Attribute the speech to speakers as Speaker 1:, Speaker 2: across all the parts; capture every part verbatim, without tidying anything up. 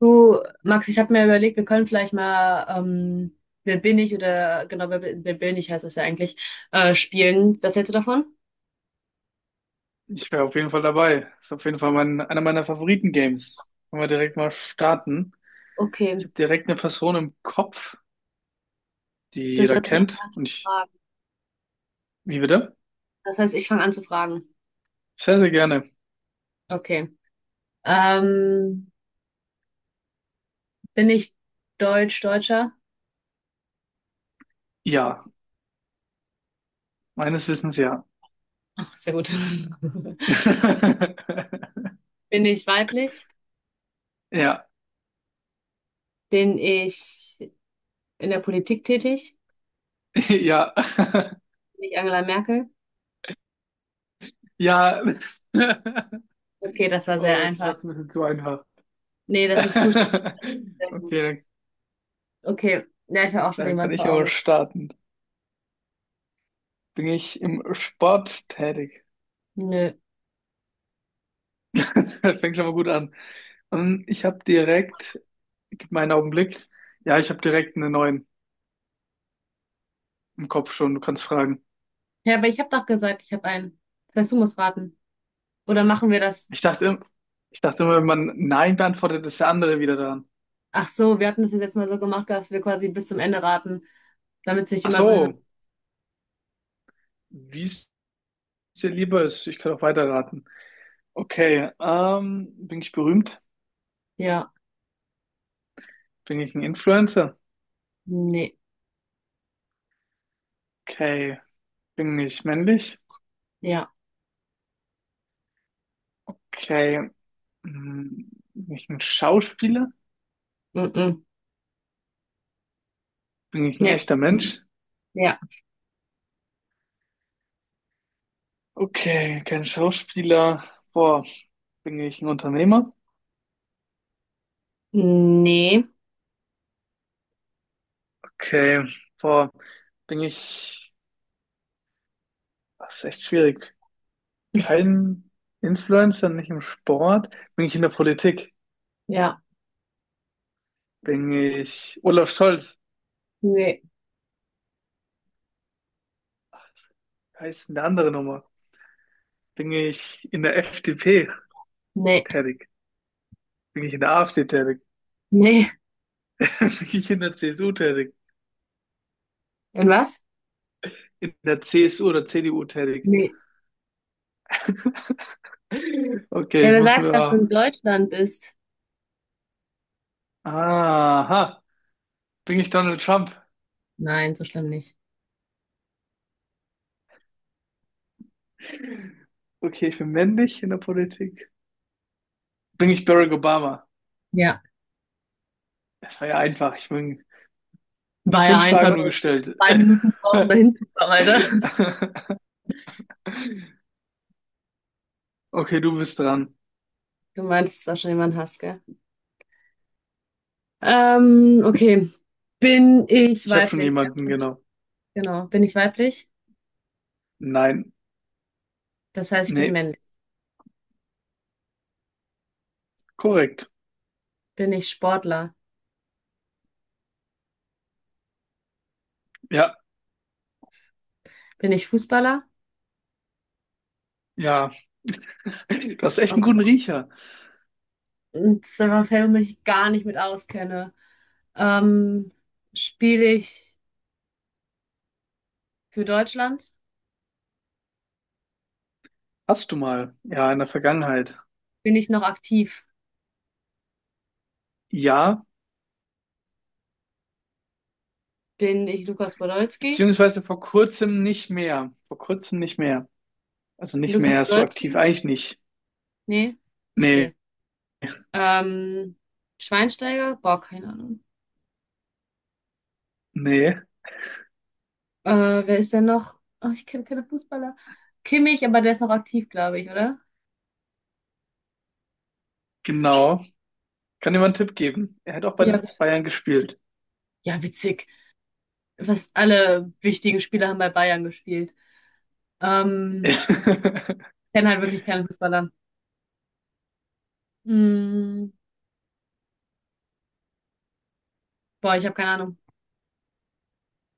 Speaker 1: Du, Max, ich habe mir überlegt, wir können vielleicht mal ähm, wer bin ich oder genau, wer, bin- wer bin ich heißt das ja eigentlich, äh, spielen. Was hältst du davon?
Speaker 2: Ich wäre auf jeden Fall dabei. Ist auf jeden Fall mein, einer meiner Favoriten-Games. Können wir direkt mal starten. Ich
Speaker 1: Okay,
Speaker 2: habe direkt eine Person im Kopf, die
Speaker 1: das
Speaker 2: jeder
Speaker 1: heißt, ich
Speaker 2: kennt. Und ich,
Speaker 1: frage.
Speaker 2: wie bitte?
Speaker 1: Das heißt, ich fange an zu fragen.
Speaker 2: Sehr, sehr gerne.
Speaker 1: Okay. Ähm, bin ich Deutsch, Deutscher?
Speaker 2: Ja, meines Wissens ja.
Speaker 1: Ach, sehr gut. Bin ich weiblich?
Speaker 2: Ja,
Speaker 1: Bin ich in der Politik tätig?
Speaker 2: ja,
Speaker 1: Bin ich Angela Merkel?
Speaker 2: ja.
Speaker 1: Okay, das war sehr
Speaker 2: Oh, das war
Speaker 1: einfach.
Speaker 2: jetzt ein bisschen zu einfach.
Speaker 1: Nee, das ist gut. Sehr gut.
Speaker 2: Okay, dann,
Speaker 1: Okay, ja, ich habe auch schon
Speaker 2: dann kann
Speaker 1: jemanden vor
Speaker 2: ich aber
Speaker 1: Augen.
Speaker 2: starten. Bin ich im Sport tätig?
Speaker 1: Nö.
Speaker 2: Fängt schon mal gut an. Ähm, Ich habe direkt Gib mir einen Augenblick. Ja, ich habe direkt einen neuen im Kopf schon. Du kannst fragen.
Speaker 1: Ja, aber ich habe doch gesagt, ich habe einen. Das heißt, du musst raten. Oder machen wir das?
Speaker 2: Ich dachte, im- Ich dachte immer, wenn man Nein beantwortet, ist der andere wieder dran.
Speaker 1: Ach so, wir hatten das jetzt letztes Mal so gemacht, dass wir quasi bis zum Ende raten, damit es nicht
Speaker 2: Ach
Speaker 1: immer so hin und...
Speaker 2: so, wie es dir lieber ist. Ich kann auch weiterraten. Okay, ähm, bin ich berühmt?
Speaker 1: Ja,
Speaker 2: Bin ich ein Influencer?
Speaker 1: nee,
Speaker 2: Okay, bin ich männlich?
Speaker 1: ja,
Speaker 2: Okay, hm, bin ich ein Schauspieler?
Speaker 1: mm -mm.
Speaker 2: Bin ich ein
Speaker 1: Nee,
Speaker 2: echter Mensch?
Speaker 1: ja,
Speaker 2: Okay, kein Schauspieler. Boah, bin ich ein Unternehmer?
Speaker 1: nee,
Speaker 2: Okay, boah, bin ich Das ist echt schwierig. Kein Influencer, nicht im Sport. Bin ich in der Politik?
Speaker 1: ja,
Speaker 2: Bin ich Olaf Scholz?
Speaker 1: nee,
Speaker 2: Heißt eine andere Nummer. Bin ich in der F D P
Speaker 1: nee,
Speaker 2: tätig? Bin ich in der A F D tätig?
Speaker 1: nee.
Speaker 2: Bin ich in der C S U tätig?
Speaker 1: Und was?
Speaker 2: In der C S U oder C D U tätig?
Speaker 1: Nee.
Speaker 2: Okay,
Speaker 1: Ja,
Speaker 2: ich
Speaker 1: wir
Speaker 2: muss
Speaker 1: sagen, dass du
Speaker 2: mir.
Speaker 1: in Deutschland bist.
Speaker 2: Aha. Bin ich Donald Trump?
Speaker 1: Nein, so schlimm nicht.
Speaker 2: Okay, ich bin männlich in der Politik. Bin ich Barack Obama?
Speaker 1: Ja,
Speaker 2: Das war ja einfach. Ich bin
Speaker 1: war ja
Speaker 2: fünf
Speaker 1: einfach
Speaker 2: Fragen nur
Speaker 1: nur
Speaker 2: gestellt.
Speaker 1: zwei Minuten brauchen, da hinzukommen, Alter.
Speaker 2: Okay, du bist dran.
Speaker 1: Du meinst, dass du auch schon jemanden hast, gell? Ähm, okay. Bin ich
Speaker 2: Ich habe schon
Speaker 1: weiblich?
Speaker 2: jemanden, genau.
Speaker 1: Genau. Bin ich weiblich?
Speaker 2: Nein,
Speaker 1: Das heißt, ich bin
Speaker 2: nee,
Speaker 1: männlich.
Speaker 2: korrekt.
Speaker 1: Bin ich Sportler?
Speaker 2: Ja,
Speaker 1: Bin ich Fußballer?
Speaker 2: ja. Du hast echt
Speaker 1: Oh,
Speaker 2: einen guten Riecher.
Speaker 1: das ist einfach ein Feld, womit ich mich gar nicht mit auskenne. Ähm, spiele ich für Deutschland?
Speaker 2: Hast du mal? Ja, in der Vergangenheit.
Speaker 1: Bin ich noch aktiv?
Speaker 2: Ja,
Speaker 1: Bin ich Lukas Podolski?
Speaker 2: beziehungsweise vor kurzem nicht mehr. Vor kurzem nicht mehr. Also nicht
Speaker 1: Lukas
Speaker 2: mehr so aktiv,
Speaker 1: Podolski?
Speaker 2: eigentlich nicht.
Speaker 1: Nee?
Speaker 2: Nee,
Speaker 1: Okay. Ähm, Schweinsteiger? Boah, keine Ahnung.
Speaker 2: nee,
Speaker 1: Äh, wer ist denn noch? Oh, ich kenne keine Fußballer. Kimmich, aber der ist noch aktiv, glaube ich, oder? Sp-
Speaker 2: genau. Kann dir mal einen Tipp geben. Er hat auch bei
Speaker 1: Ja,
Speaker 2: den
Speaker 1: wit-
Speaker 2: Bayern gespielt.
Speaker 1: ja, witzig. Fast alle wichtigen Spieler haben bei Bayern gespielt. Ähm, kenne halt wirklich keine Fußballer. Mm, boah, ich habe keine Ahnung.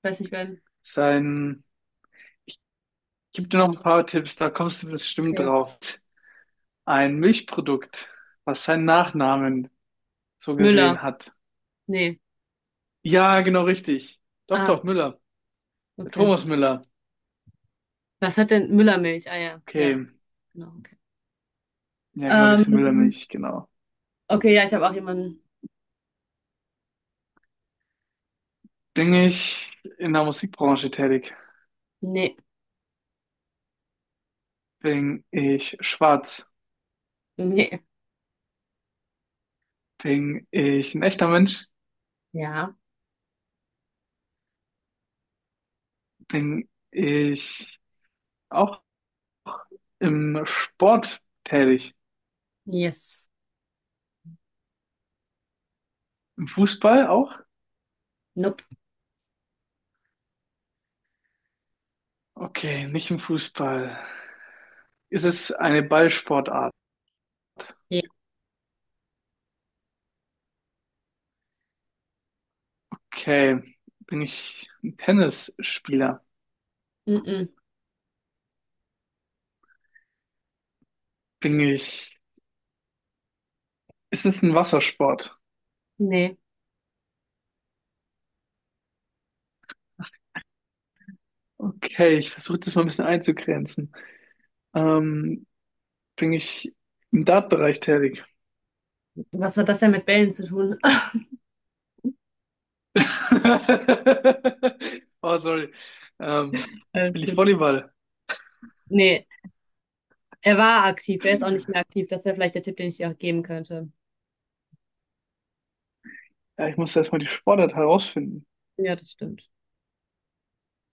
Speaker 1: Weiß nicht, wer.
Speaker 2: Sein, gib dir noch ein paar Tipps, da kommst du bestimmt
Speaker 1: Okay.
Speaker 2: drauf. Ein Milchprodukt. Was ist sein Nachname? So
Speaker 1: Müller.
Speaker 2: gesehen hat.
Speaker 1: Nee.
Speaker 2: Ja, genau richtig. Doch,
Speaker 1: Ah,
Speaker 2: doch, Müller. Der
Speaker 1: okay.
Speaker 2: Thomas Müller.
Speaker 1: Was hat denn Müllermilch? Ah ja, ja,
Speaker 2: Okay.
Speaker 1: genau, okay.
Speaker 2: Ja, genau, diese
Speaker 1: Ähm,
Speaker 2: Müllermilch, genau.
Speaker 1: okay, ja, ich habe auch jemanden.
Speaker 2: Bin ich in der Musikbranche tätig?
Speaker 1: Nee.
Speaker 2: Bin ich schwarz?
Speaker 1: Nee.
Speaker 2: Bin ich ein echter Mensch?
Speaker 1: Ja.
Speaker 2: Bin ich auch im Sport tätig?
Speaker 1: Yes.
Speaker 2: Im Fußball auch?
Speaker 1: Nope.
Speaker 2: Okay, nicht im Fußball. Ist es eine Ballsportart?
Speaker 1: Ja.
Speaker 2: Okay. Bin ich ein Tennisspieler?
Speaker 1: Mm-mm.
Speaker 2: Bin ich... Ist es ein Wassersport?
Speaker 1: Nee.
Speaker 2: Okay, ich versuche das mal ein bisschen einzugrenzen. Ähm, bin ich im Dartbereich tätig?
Speaker 1: Was hat das denn mit Bällen zu tun?
Speaker 2: Oh, sorry. Ähm,
Speaker 1: Alles
Speaker 2: spiele ich
Speaker 1: gut.
Speaker 2: Volleyball?
Speaker 1: Nee. Er war aktiv, er ist auch nicht mehr aktiv. Das wäre vielleicht der Tipp, den ich dir auch geben könnte.
Speaker 2: Ja, ich muss erstmal die Sportart herausfinden.
Speaker 1: Ja, das stimmt.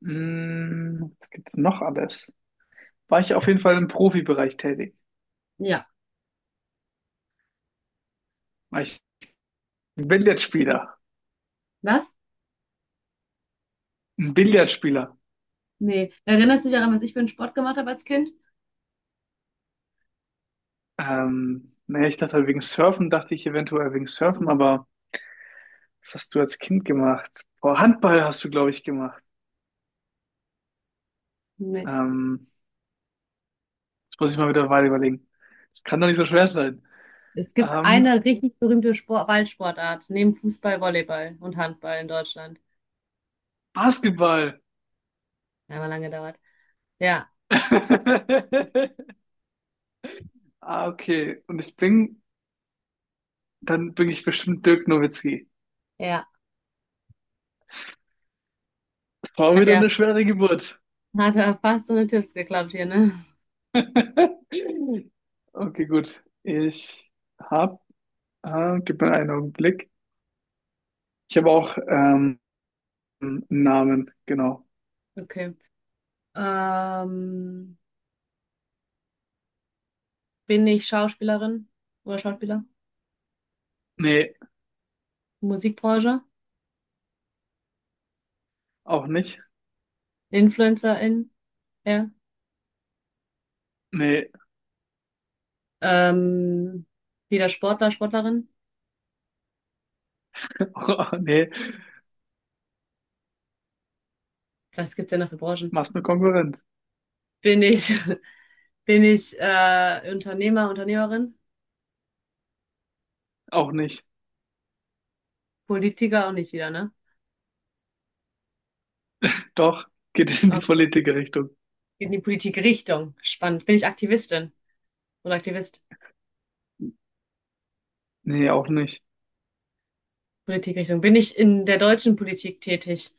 Speaker 2: Hm, was gibt's noch alles? War ich auf jeden Fall im Profibereich tätig?
Speaker 1: Ja.
Speaker 2: War ich ein Billardspieler?
Speaker 1: Was?
Speaker 2: Ein Billardspieler?
Speaker 1: Nee. Erinnerst du dich daran, was ich für einen Sport gemacht habe als Kind?
Speaker 2: Ähm, naja, ich dachte halt wegen Surfen, dachte ich eventuell wegen Surfen,
Speaker 1: Hm,
Speaker 2: aber was hast du als Kind gemacht? Boah, Handball hast du, glaube ich, gemacht.
Speaker 1: nee.
Speaker 2: Ähm, Muss ich mal wieder weiter überlegen. Das kann doch nicht so schwer sein.
Speaker 1: Es gibt
Speaker 2: Ähm,
Speaker 1: eine richtig berühmte Sport Ballsportart, neben Fußball, Volleyball und Handball in Deutschland.
Speaker 2: Basketball.
Speaker 1: Einmal lange gedauert. Ja,
Speaker 2: Ah, okay. Und ich bin, dann bin ich bestimmt Dirk Nowitzki.
Speaker 1: ja.
Speaker 2: War
Speaker 1: Hat
Speaker 2: wieder
Speaker 1: ja,
Speaker 2: eine schwere Geburt.
Speaker 1: hat ja fast so eine Tipps geklappt hier, ne?
Speaker 2: Okay, gut. Ich hab, ah, Gib mir einen Augenblick. Ich habe auch ähm, einen Namen, genau.
Speaker 1: Okay. Ähm, bin ich Schauspielerin oder Schauspieler?
Speaker 2: Nee,
Speaker 1: Musikbranche?
Speaker 2: auch nicht.
Speaker 1: Influencerin? Ja.
Speaker 2: Nee,
Speaker 1: Ähm, wieder Sportler, Sportlerin?
Speaker 2: oh, nee,
Speaker 1: Was gibt's denn noch für Branchen?
Speaker 2: machst mir Konkurrenz.
Speaker 1: Bin ich. Bin ich äh, Unternehmer, Unternehmerin?
Speaker 2: Auch nicht.
Speaker 1: Politiker auch nicht wieder, ne?
Speaker 2: Doch, geht in die
Speaker 1: Okay.
Speaker 2: Politikerrichtung.
Speaker 1: In die Politikrichtung. Spannend. Bin ich Aktivistin oder Aktivist?
Speaker 2: Nee, auch nicht.
Speaker 1: Politikrichtung. Bin ich in der deutschen Politik tätig?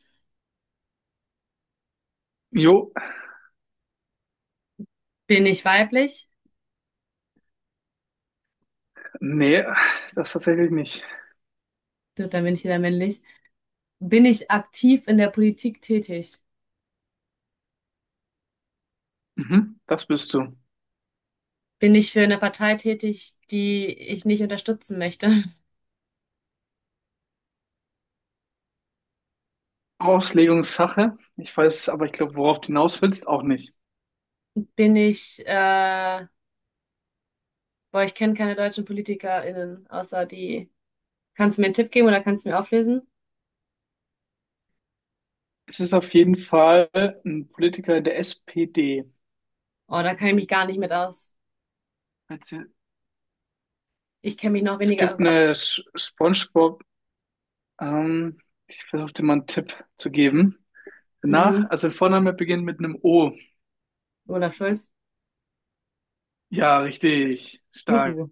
Speaker 2: Jo,
Speaker 1: Bin ich weiblich?
Speaker 2: nee, das tatsächlich nicht.
Speaker 1: Gut, dann bin ich wieder männlich. Bin ich aktiv in der Politik tätig?
Speaker 2: Mhm, das bist du.
Speaker 1: Bin ich für eine Partei tätig, die ich nicht unterstützen möchte?
Speaker 2: Auslegungssache. Ich weiß aber, ich glaube, worauf du hinaus willst, auch nicht.
Speaker 1: Bin ich, äh, boah, ich kenne keine deutschen PolitikerInnen, außer die. Kannst du mir einen Tipp geben oder kannst du mir auflesen?
Speaker 2: Es ist auf jeden Fall ein Politiker der S P D.
Speaker 1: Oh, da kann ich mich gar nicht mit aus.
Speaker 2: Also,
Speaker 1: Ich kenne mich noch
Speaker 2: es
Speaker 1: weniger.
Speaker 2: gibt
Speaker 1: Oh Gott.
Speaker 2: eine Sch- SpongeBob, ähm, ich versuche dir mal einen Tipp zu geben. Danach,
Speaker 1: Mhm.
Speaker 2: also der Vorname beginnt mit einem O.
Speaker 1: Olaf Scholz.
Speaker 2: Ja, richtig. Stark.
Speaker 1: Juhu.